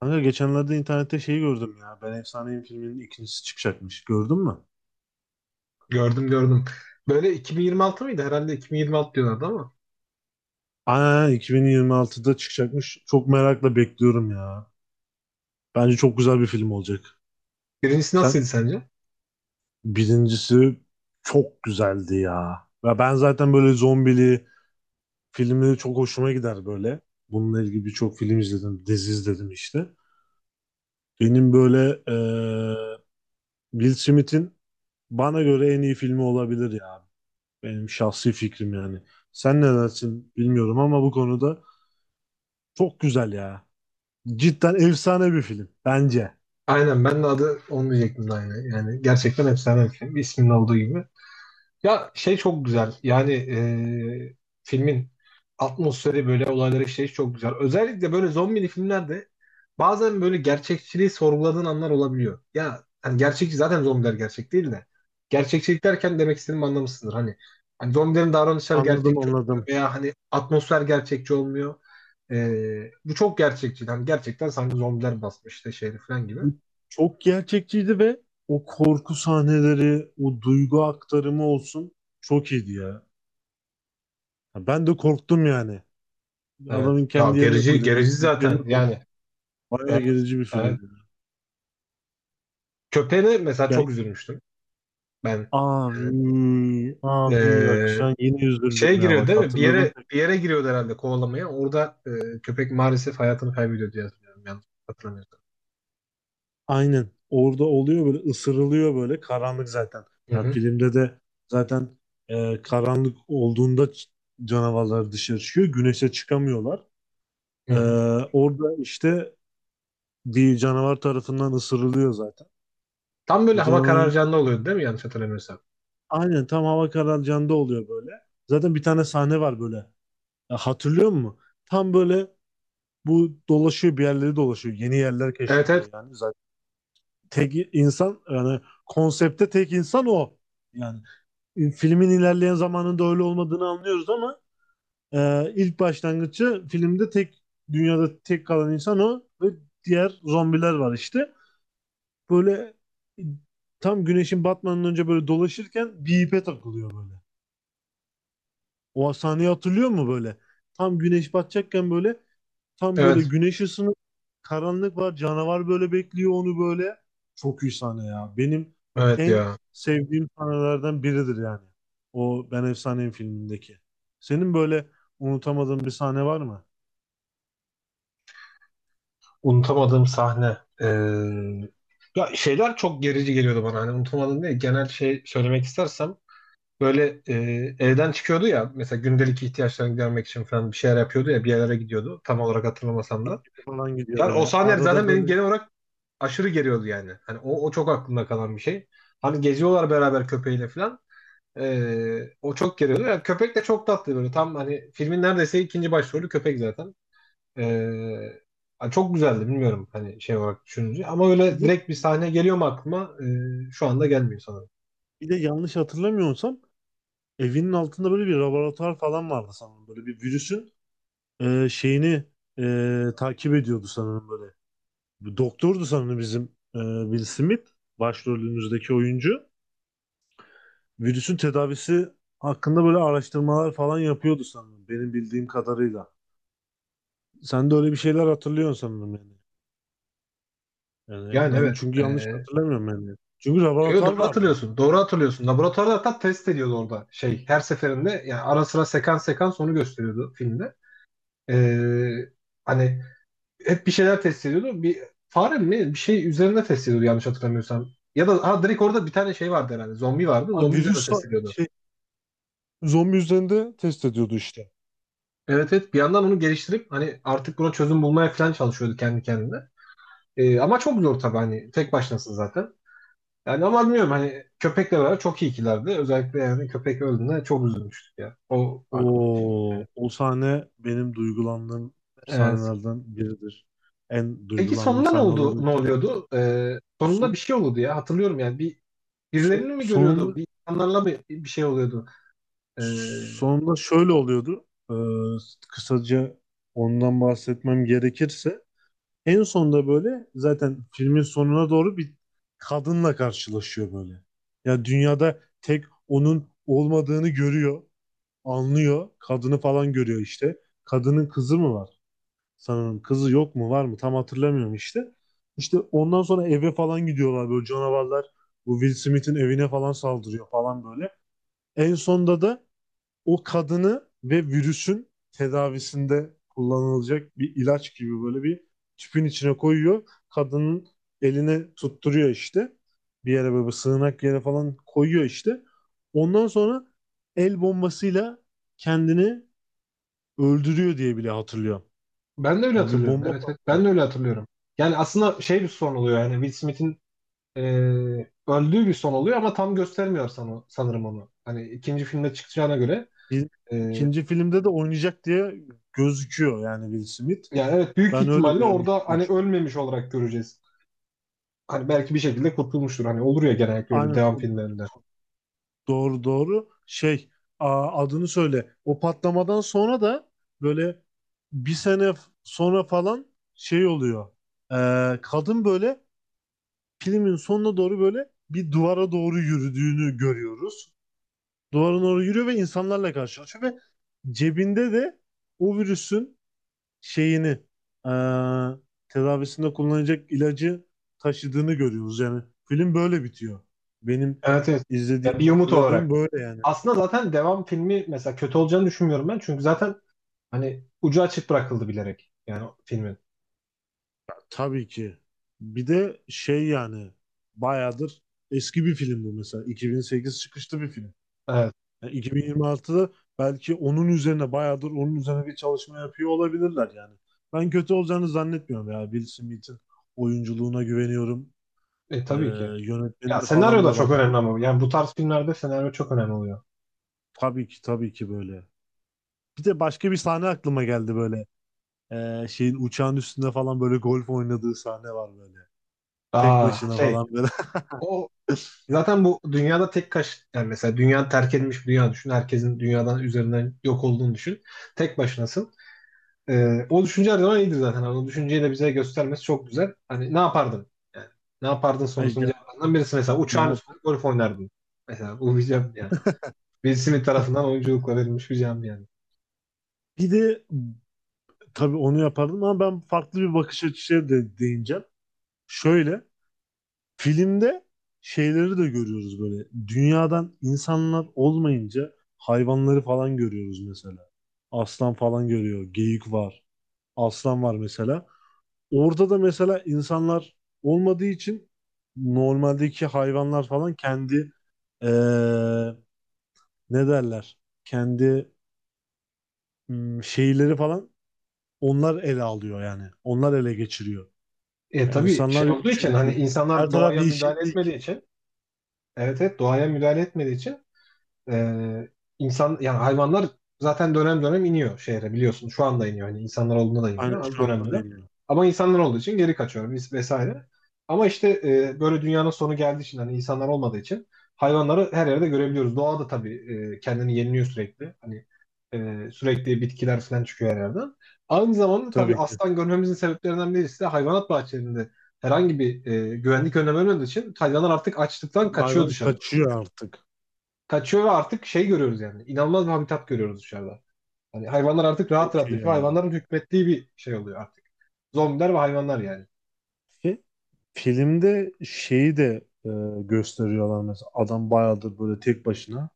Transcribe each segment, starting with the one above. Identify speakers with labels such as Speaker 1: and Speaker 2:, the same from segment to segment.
Speaker 1: Kanka geçenlerde internette şeyi gördüm ya. Ben Efsaneyim filminin ikincisi çıkacakmış. Gördün mü?
Speaker 2: Gördüm gördüm. Böyle 2026 mıydı? Herhalde 2026 diyorlardı ama.
Speaker 1: Aynen 2026'da çıkacakmış. Çok merakla bekliyorum ya. Bence çok güzel bir film olacak.
Speaker 2: Birincisi nasıldı
Speaker 1: Sen
Speaker 2: sence?
Speaker 1: birincisi çok güzeldi ya. Ve ben zaten böyle zombili filmleri çok hoşuma gider böyle. Bununla ilgili birçok film izledim, dizi izledim işte. Benim böyle Will Smith'in bana göre en iyi filmi olabilir ya. Benim şahsi fikrim yani. Sen ne dersin bilmiyorum ama bu konuda çok güzel ya. Cidden efsane bir film bence.
Speaker 2: Aynen ben de adı onu diyecektim de aynı. Yani gerçekten efsane bir film. İsminin olduğu gibi. Ya şey çok güzel. Yani filmin atmosferi böyle olayları işleyiş çok güzel. Özellikle böyle zombili filmlerde bazen böyle gerçekçiliği sorguladığın anlar olabiliyor. Ya hani gerçekçi zaten, zombiler gerçek değil de. Gerçekçilik derken demek istediğimi anlamışsındır. Hani zombilerin davranışları
Speaker 1: Anladım,
Speaker 2: gerçekçi olmuyor
Speaker 1: anladım.
Speaker 2: veya hani atmosfer gerçekçi olmuyor. Bu çok gerçekçi. Hani gerçekten sanki zombiler basmış işte şeyde falan gibi.
Speaker 1: Çok gerçekçiydi ve o korku sahneleri, o duygu aktarımı olsun çok iyiydi ya. Ya ben de korktum yani.
Speaker 2: Evet.
Speaker 1: Adamın
Speaker 2: Ya
Speaker 1: kendi yerine
Speaker 2: gerici
Speaker 1: koydu. Will
Speaker 2: gerici
Speaker 1: Smith yerine
Speaker 2: zaten.
Speaker 1: koydu.
Speaker 2: Yani
Speaker 1: Bayağı
Speaker 2: evet.
Speaker 1: gerici bir film
Speaker 2: Evet.
Speaker 1: yani.
Speaker 2: Köpeğine mesela
Speaker 1: Yani
Speaker 2: çok üzülmüştüm ben.
Speaker 1: abi,
Speaker 2: Ee,
Speaker 1: abi bak şu
Speaker 2: e,
Speaker 1: an yeni
Speaker 2: Şeye
Speaker 1: üzüldüm ya,
Speaker 2: giriyor
Speaker 1: bak
Speaker 2: değil mi? Bir
Speaker 1: hatırladım.
Speaker 2: yere bir yere giriyordu herhalde kovalamaya. Orada köpek maalesef hayatını kaybediyor diye hatırlıyorum. Yanlış hatırlamıyorsam.
Speaker 1: Aynen. Orada oluyor böyle, ısırılıyor, böyle karanlık zaten.
Speaker 2: Hı
Speaker 1: Yani
Speaker 2: hı.
Speaker 1: filmde de zaten karanlık olduğunda canavarlar dışarı çıkıyor. Güneşe çıkamıyorlar.
Speaker 2: Hı
Speaker 1: E,
Speaker 2: hı.
Speaker 1: Orada işte bir canavar tarafından ısırılıyor zaten.
Speaker 2: Tam böyle
Speaker 1: Bir
Speaker 2: hava
Speaker 1: tane
Speaker 2: kararacağında oluyordu değil mi? Yanlış hatırlamıyorsam.
Speaker 1: Aynen, tam hava kararacağında oluyor böyle. Zaten bir tane sahne var böyle. Hatırlıyor musun? Tam böyle bu dolaşıyor bir yerleri dolaşıyor. Yeni yerler
Speaker 2: Evet evet.
Speaker 1: keşfediyor yani zaten. Tek insan, yani konsepte tek insan o. Yani filmin ilerleyen zamanında öyle olmadığını anlıyoruz ama ilk başlangıcı filmde dünyada tek kalan insan o ve diğer zombiler var işte. Böyle, e, tam güneşin batmadan önce böyle dolaşırken bir ipe takılıyor böyle. O sahneyi hatırlıyor mu böyle? Tam güneş batacakken böyle, tam böyle
Speaker 2: Evet.
Speaker 1: güneş ısınıp karanlık var. Canavar böyle bekliyor onu böyle. Çok iyi sahne ya. Benim
Speaker 2: Evet
Speaker 1: en
Speaker 2: ya.
Speaker 1: sevdiğim sahnelerden biridir yani. O Ben Efsaneyim filmindeki. Senin böyle unutamadığın bir sahne var mı?
Speaker 2: Unutamadığım sahne. Ya şeyler çok gerici geliyordu bana. Hani unutamadığım değil. Genel şey söylemek istersem böyle evden çıkıyordu ya. Mesela gündelik ihtiyaçlarını gidermek için falan bir şeyler yapıyordu ya. Bir yerlere gidiyordu. Tam olarak hatırlamasam da.
Speaker 1: Markete falan gidiyor
Speaker 2: Yani o
Speaker 1: böyle.
Speaker 2: sahneler
Speaker 1: Arada
Speaker 2: zaten benim
Speaker 1: böyle
Speaker 2: genel olarak aşırı geriyordu yani. Hani o çok aklımda kalan bir şey. Hani geziyorlar beraber köpeğiyle falan. O çok geriyordu. Yani köpek de çok tatlı böyle. Tam hani filmin neredeyse ikinci başrolü köpek zaten. Ee, Çok güzeldi, bilmiyorum hani şey olarak düşününce. Ama
Speaker 1: bir
Speaker 2: öyle
Speaker 1: de
Speaker 2: direkt bir sahne geliyor mu aklıma? Şu anda gelmiyor sanırım.
Speaker 1: bir de yanlış hatırlamıyorsam evinin altında böyle bir laboratuvar falan vardı sanırım. Böyle bir virüsün şeyini takip ediyordu sanırım böyle. Bu doktordu sanırım bizim, e, Will Smith, başrolümüzdeki oyuncu. Virüsün tedavisi hakkında böyle araştırmalar falan yapıyordu sanırım benim bildiğim kadarıyla. Sen de öyle bir şeyler hatırlıyorsun sanırım yani. Yani
Speaker 2: Yani
Speaker 1: ben
Speaker 2: evet.
Speaker 1: çünkü yanlış
Speaker 2: Ee,
Speaker 1: hatırlamıyorum yani. Çünkü
Speaker 2: yo, yo,
Speaker 1: laboratuvar
Speaker 2: doğru
Speaker 1: vardı.
Speaker 2: hatırlıyorsun. Doğru hatırlıyorsun. Laboratuvarda hatta test ediyordu orada şey. Her seferinde yani ara sıra sekans sekans onu gösteriyordu filmde. Ee, Hani hep bir şeyler test ediyordu. Bir fare mi? Bir şey üzerinde test ediyordu yanlış hatırlamıyorsam. Ya da ha, direkt orada bir tane şey vardı herhalde. Zombi vardı.
Speaker 1: Abi
Speaker 2: Zombi üzerinde
Speaker 1: virüs
Speaker 2: test ediyordu.
Speaker 1: şey, zombi üzerinde test ediyordu işte.
Speaker 2: Evet evet, bir yandan onu geliştirip hani artık buna çözüm bulmaya falan çalışıyordu kendi kendine. Ama çok zor tabii, hani tek başınasın zaten. Yani ama bilmiyorum, hani köpekle beraber çok iyi ikilerdi. Özellikle yani köpek öldüğünde çok üzülmüştük ya. O
Speaker 1: O,
Speaker 2: aklıma geldi.
Speaker 1: o sahne benim duygulandığım
Speaker 2: Evet.
Speaker 1: sahnelerden biridir. En
Speaker 2: Peki
Speaker 1: duygulandığım
Speaker 2: sonunda ne
Speaker 1: sahne
Speaker 2: oldu?
Speaker 1: olabilir.
Speaker 2: Ne oluyordu? Sonunda
Speaker 1: So-
Speaker 2: bir şey oluyordu ya. Hatırlıyorum yani bir birilerini mi görüyordu?
Speaker 1: Sonunda,
Speaker 2: Bir insanlarla bir şey oluyordu. Ee,
Speaker 1: sonunda şöyle oluyordu. Ee, Kısaca ondan bahsetmem gerekirse, en sonda böyle zaten filmin sonuna doğru bir kadınla karşılaşıyor böyle. Ya dünyada tek onun olmadığını görüyor, anlıyor. Kadını falan görüyor işte. Kadının kızı mı var? Sanırım kızı yok mu, var mı? Tam hatırlamıyorum işte. İşte ondan sonra eve falan gidiyorlar, böyle canavarlar bu Will Smith'in evine falan saldırıyor falan böyle. En sonda da o kadını ve virüsün tedavisinde kullanılacak bir ilaç gibi böyle bir tüpün içine koyuyor. Kadının eline tutturuyor işte. Bir yere, böyle bir sığınak yere falan koyuyor işte. Ondan sonra el bombasıyla kendini öldürüyor diye bile hatırlıyorum.
Speaker 2: Ben de öyle
Speaker 1: Yani bir
Speaker 2: hatırlıyorum.
Speaker 1: bomba
Speaker 2: Evet, evet.
Speaker 1: patlıyor.
Speaker 2: Ben de öyle hatırlıyorum. Yani aslında şey, bir son oluyor yani Will Smith'in e, öldüğü bir son oluyor ama tam göstermiyor sana sanırım onu. Hani ikinci filmde çıkacağına göre.
Speaker 1: Bir,
Speaker 2: e,
Speaker 1: ikinci filmde de oynayacak diye gözüküyor yani Will Smith.
Speaker 2: Yani evet, büyük
Speaker 1: Ben öyle
Speaker 2: ihtimalle orada
Speaker 1: görmüştüm
Speaker 2: hani
Speaker 1: çünkü.
Speaker 2: ölmemiş olarak göreceğiz. Hani belki bir şekilde kurtulmuştur. Hani olur ya, genellikle öyle
Speaker 1: Aynen.
Speaker 2: devam filmlerinde.
Speaker 1: Doğru, doğru. Şey, adını söyle. O patlamadan sonra da böyle bir sene sonra falan şey oluyor. Kadın böyle filmin sonuna doğru böyle bir duvara doğru yürüdüğünü görüyoruz. Duvara doğru yürüyor ve insanlarla karşılaşıyor ve cebinde de o virüsün şeyini, ee, tedavisinde kullanacak ilacı taşıdığını görüyoruz. Yani film böyle bitiyor. Benim
Speaker 2: Evet evet. Ya
Speaker 1: izlediğim,
Speaker 2: bir umut olarak.
Speaker 1: hatırladığım böyle yani.
Speaker 2: Aslında zaten devam filmi mesela kötü olacağını düşünmüyorum ben. Çünkü zaten hani ucu açık bırakıldı bilerek. Yani o filmin.
Speaker 1: Tabii ki. Bir de şey yani, bayağıdır eski bir film bu mesela. 2008 çıkışlı bir film.
Speaker 2: Evet.
Speaker 1: Yani 2026'da belki onun üzerine, bayağıdır onun üzerine bir çalışma yapıyor olabilirler yani. Ben kötü olacağını zannetmiyorum ya. Will Smith'in oyunculuğuna güveniyorum. Ee,
Speaker 2: Tabii ki. Ya
Speaker 1: Yönetmenine
Speaker 2: senaryo
Speaker 1: falan
Speaker 2: da
Speaker 1: da
Speaker 2: çok önemli
Speaker 1: baktım.
Speaker 2: ama. Yani bu tarz filmlerde senaryo çok önemli oluyor.
Speaker 1: Tabii ki, tabii ki böyle. Bir de başka bir sahne aklıma geldi böyle. Şeyin, uçağın üstünde falan böyle golf oynadığı sahne var böyle. Tek
Speaker 2: Aa
Speaker 1: başına
Speaker 2: şey.
Speaker 1: falan.
Speaker 2: O zaten bu dünyada tek kaç yani, mesela dünya terk edilmiş bir dünya düşün. Herkesin dünyadan üzerinden yok olduğunu düşün. Tek başınasın. O düşünce her zaman iyidir zaten. Hani o düşünceyi de bize göstermesi çok güzel. Hani ne yapardın? Yani, ne yapardın
Speaker 1: Ay
Speaker 2: sorusunun
Speaker 1: ya,
Speaker 2: cevabından birisi mesela
Speaker 1: ne
Speaker 2: uçağın
Speaker 1: yapalım?
Speaker 2: üstünde golf oynardın. Mesela bu bir cevap yani. Will Smith tarafından oyunculukla verilmiş bir cevap yani.
Speaker 1: Bir de tabii onu yapardım ama ben farklı bir bakış açısıyla de değineceğim. Şöyle, filmde şeyleri de görüyoruz böyle. Dünyadan insanlar olmayınca hayvanları falan görüyoruz mesela. Aslan falan görüyor. Geyik var. Aslan var mesela. Orada da mesela insanlar olmadığı için normaldeki hayvanlar falan kendi, eee, ne derler, kendi şeyleri falan, onlar ele alıyor yani. Onlar ele geçiriyor. Yani
Speaker 2: Tabii
Speaker 1: insanlar
Speaker 2: şey
Speaker 1: yok
Speaker 2: olduğu için, hani
Speaker 1: çünkü. Her
Speaker 2: insanlar
Speaker 1: taraf
Speaker 2: doğaya müdahale
Speaker 1: yeşillik.
Speaker 2: etmediği için, evet evet, doğaya müdahale etmediği için, Ee, insan yani hayvanlar zaten dönem dönem iniyor şehre, biliyorsun. Şu anda iniyor. Hani insanlar olduğunda da
Speaker 1: Aynen
Speaker 2: iniyor ama
Speaker 1: şu
Speaker 2: dönem
Speaker 1: anda
Speaker 2: dönem.
Speaker 1: deniyor.
Speaker 2: Ama insanlar olduğu için geri kaçıyor biz vesaire. Ama işte böyle dünyanın sonu geldiği için, hani insanlar olmadığı için hayvanları her yerde görebiliyoruz. Doğa da tabii kendini yeniliyor sürekli. Hani sürekli bitkiler falan çıkıyor her yerden. Aynı zamanda tabii
Speaker 1: Tabii ki.
Speaker 2: aslan görmemizin sebeplerinden birisi de hayvanat bahçelerinde herhangi bir güvenlik önlemi olmadığı için hayvanlar artık açlıktan kaçıyor,
Speaker 1: Hayvan
Speaker 2: dışarı
Speaker 1: kaçıyor artık.
Speaker 2: kaçıyor ve artık şey görüyoruz yani. İnanılmaz bir habitat görüyoruz dışarıda. Hani hayvanlar artık rahat
Speaker 1: Çok
Speaker 2: rahat
Speaker 1: iyi
Speaker 2: yaşıyor.
Speaker 1: ya.
Speaker 2: Hayvanların hükmettiği bir şey oluyor artık. Zombiler ve hayvanlar yani.
Speaker 1: Ve filmde şeyi de, gösteriyorlar mesela. Adam bayağıdır böyle tek başına.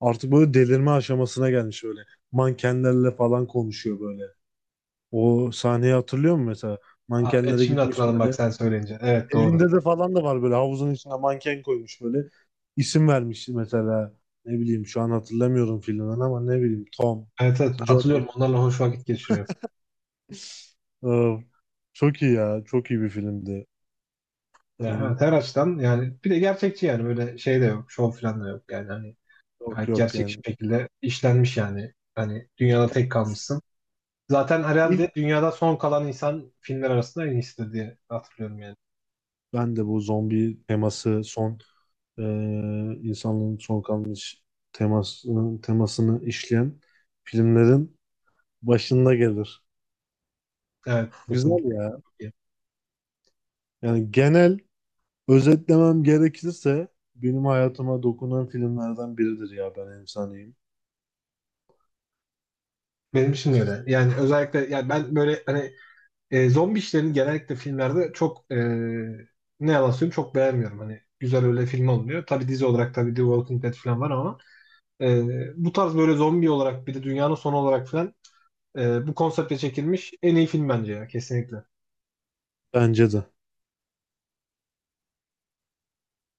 Speaker 1: Artık böyle delirme aşamasına gelmiş öyle. Mankenlerle falan konuşuyor böyle. O sahneyi hatırlıyor musun mesela?
Speaker 2: Aa, evet
Speaker 1: Mankenlere
Speaker 2: şimdi
Speaker 1: gitmiş
Speaker 2: hatırladım bak
Speaker 1: böyle.
Speaker 2: sen söyleyince. Evet doğru.
Speaker 1: Evinde de falan da var, böyle havuzun içine manken koymuş böyle. İsim vermiş mesela. Ne bileyim şu an hatırlamıyorum filmden ama ne bileyim, Tom,
Speaker 2: Evet, evet,
Speaker 1: Johnny.
Speaker 2: hatırlıyorum, onlarla hoş vakit geçiriyor.
Speaker 1: Ee, Çok iyi ya. Çok iyi bir filmdi.
Speaker 2: Ya, evet,
Speaker 1: Benim
Speaker 2: her açıdan yani, bir de gerçekçi yani, böyle şey de yok. Şov falan da yok yani. Hani
Speaker 1: yok,
Speaker 2: gayet
Speaker 1: yok
Speaker 2: gerçek
Speaker 1: yani.
Speaker 2: şekilde işlenmiş yani. Hani dünyada tek kalmışsın. Zaten
Speaker 1: İlk
Speaker 2: herhalde dünyada son kalan insan filmler arasında en iyisi diye hatırlıyorum yani.
Speaker 1: ben de bu zombi teması, son e, insanlığın son kalmış temasını işleyen filmlerin başında gelir.
Speaker 2: Evet
Speaker 1: Güzel
Speaker 2: kesinlikle.
Speaker 1: ya. Yani genel özetlemem gerekirse benim hayatıma dokunan filmlerden biridir ya Ben Efsaneyim.
Speaker 2: Benim için de öyle. Yani özellikle yani ben böyle hani zombi işlerini genellikle filmlerde çok ne yalan söyleyeyim, çok beğenmiyorum. Hani güzel öyle film olmuyor. Tabii dizi olarak tabii The Walking Dead falan var ama e, bu tarz böyle zombi olarak bir de dünyanın sonu olarak falan bu konseptle çekilmiş en iyi film bence ya, kesinlikle.
Speaker 1: Bence de.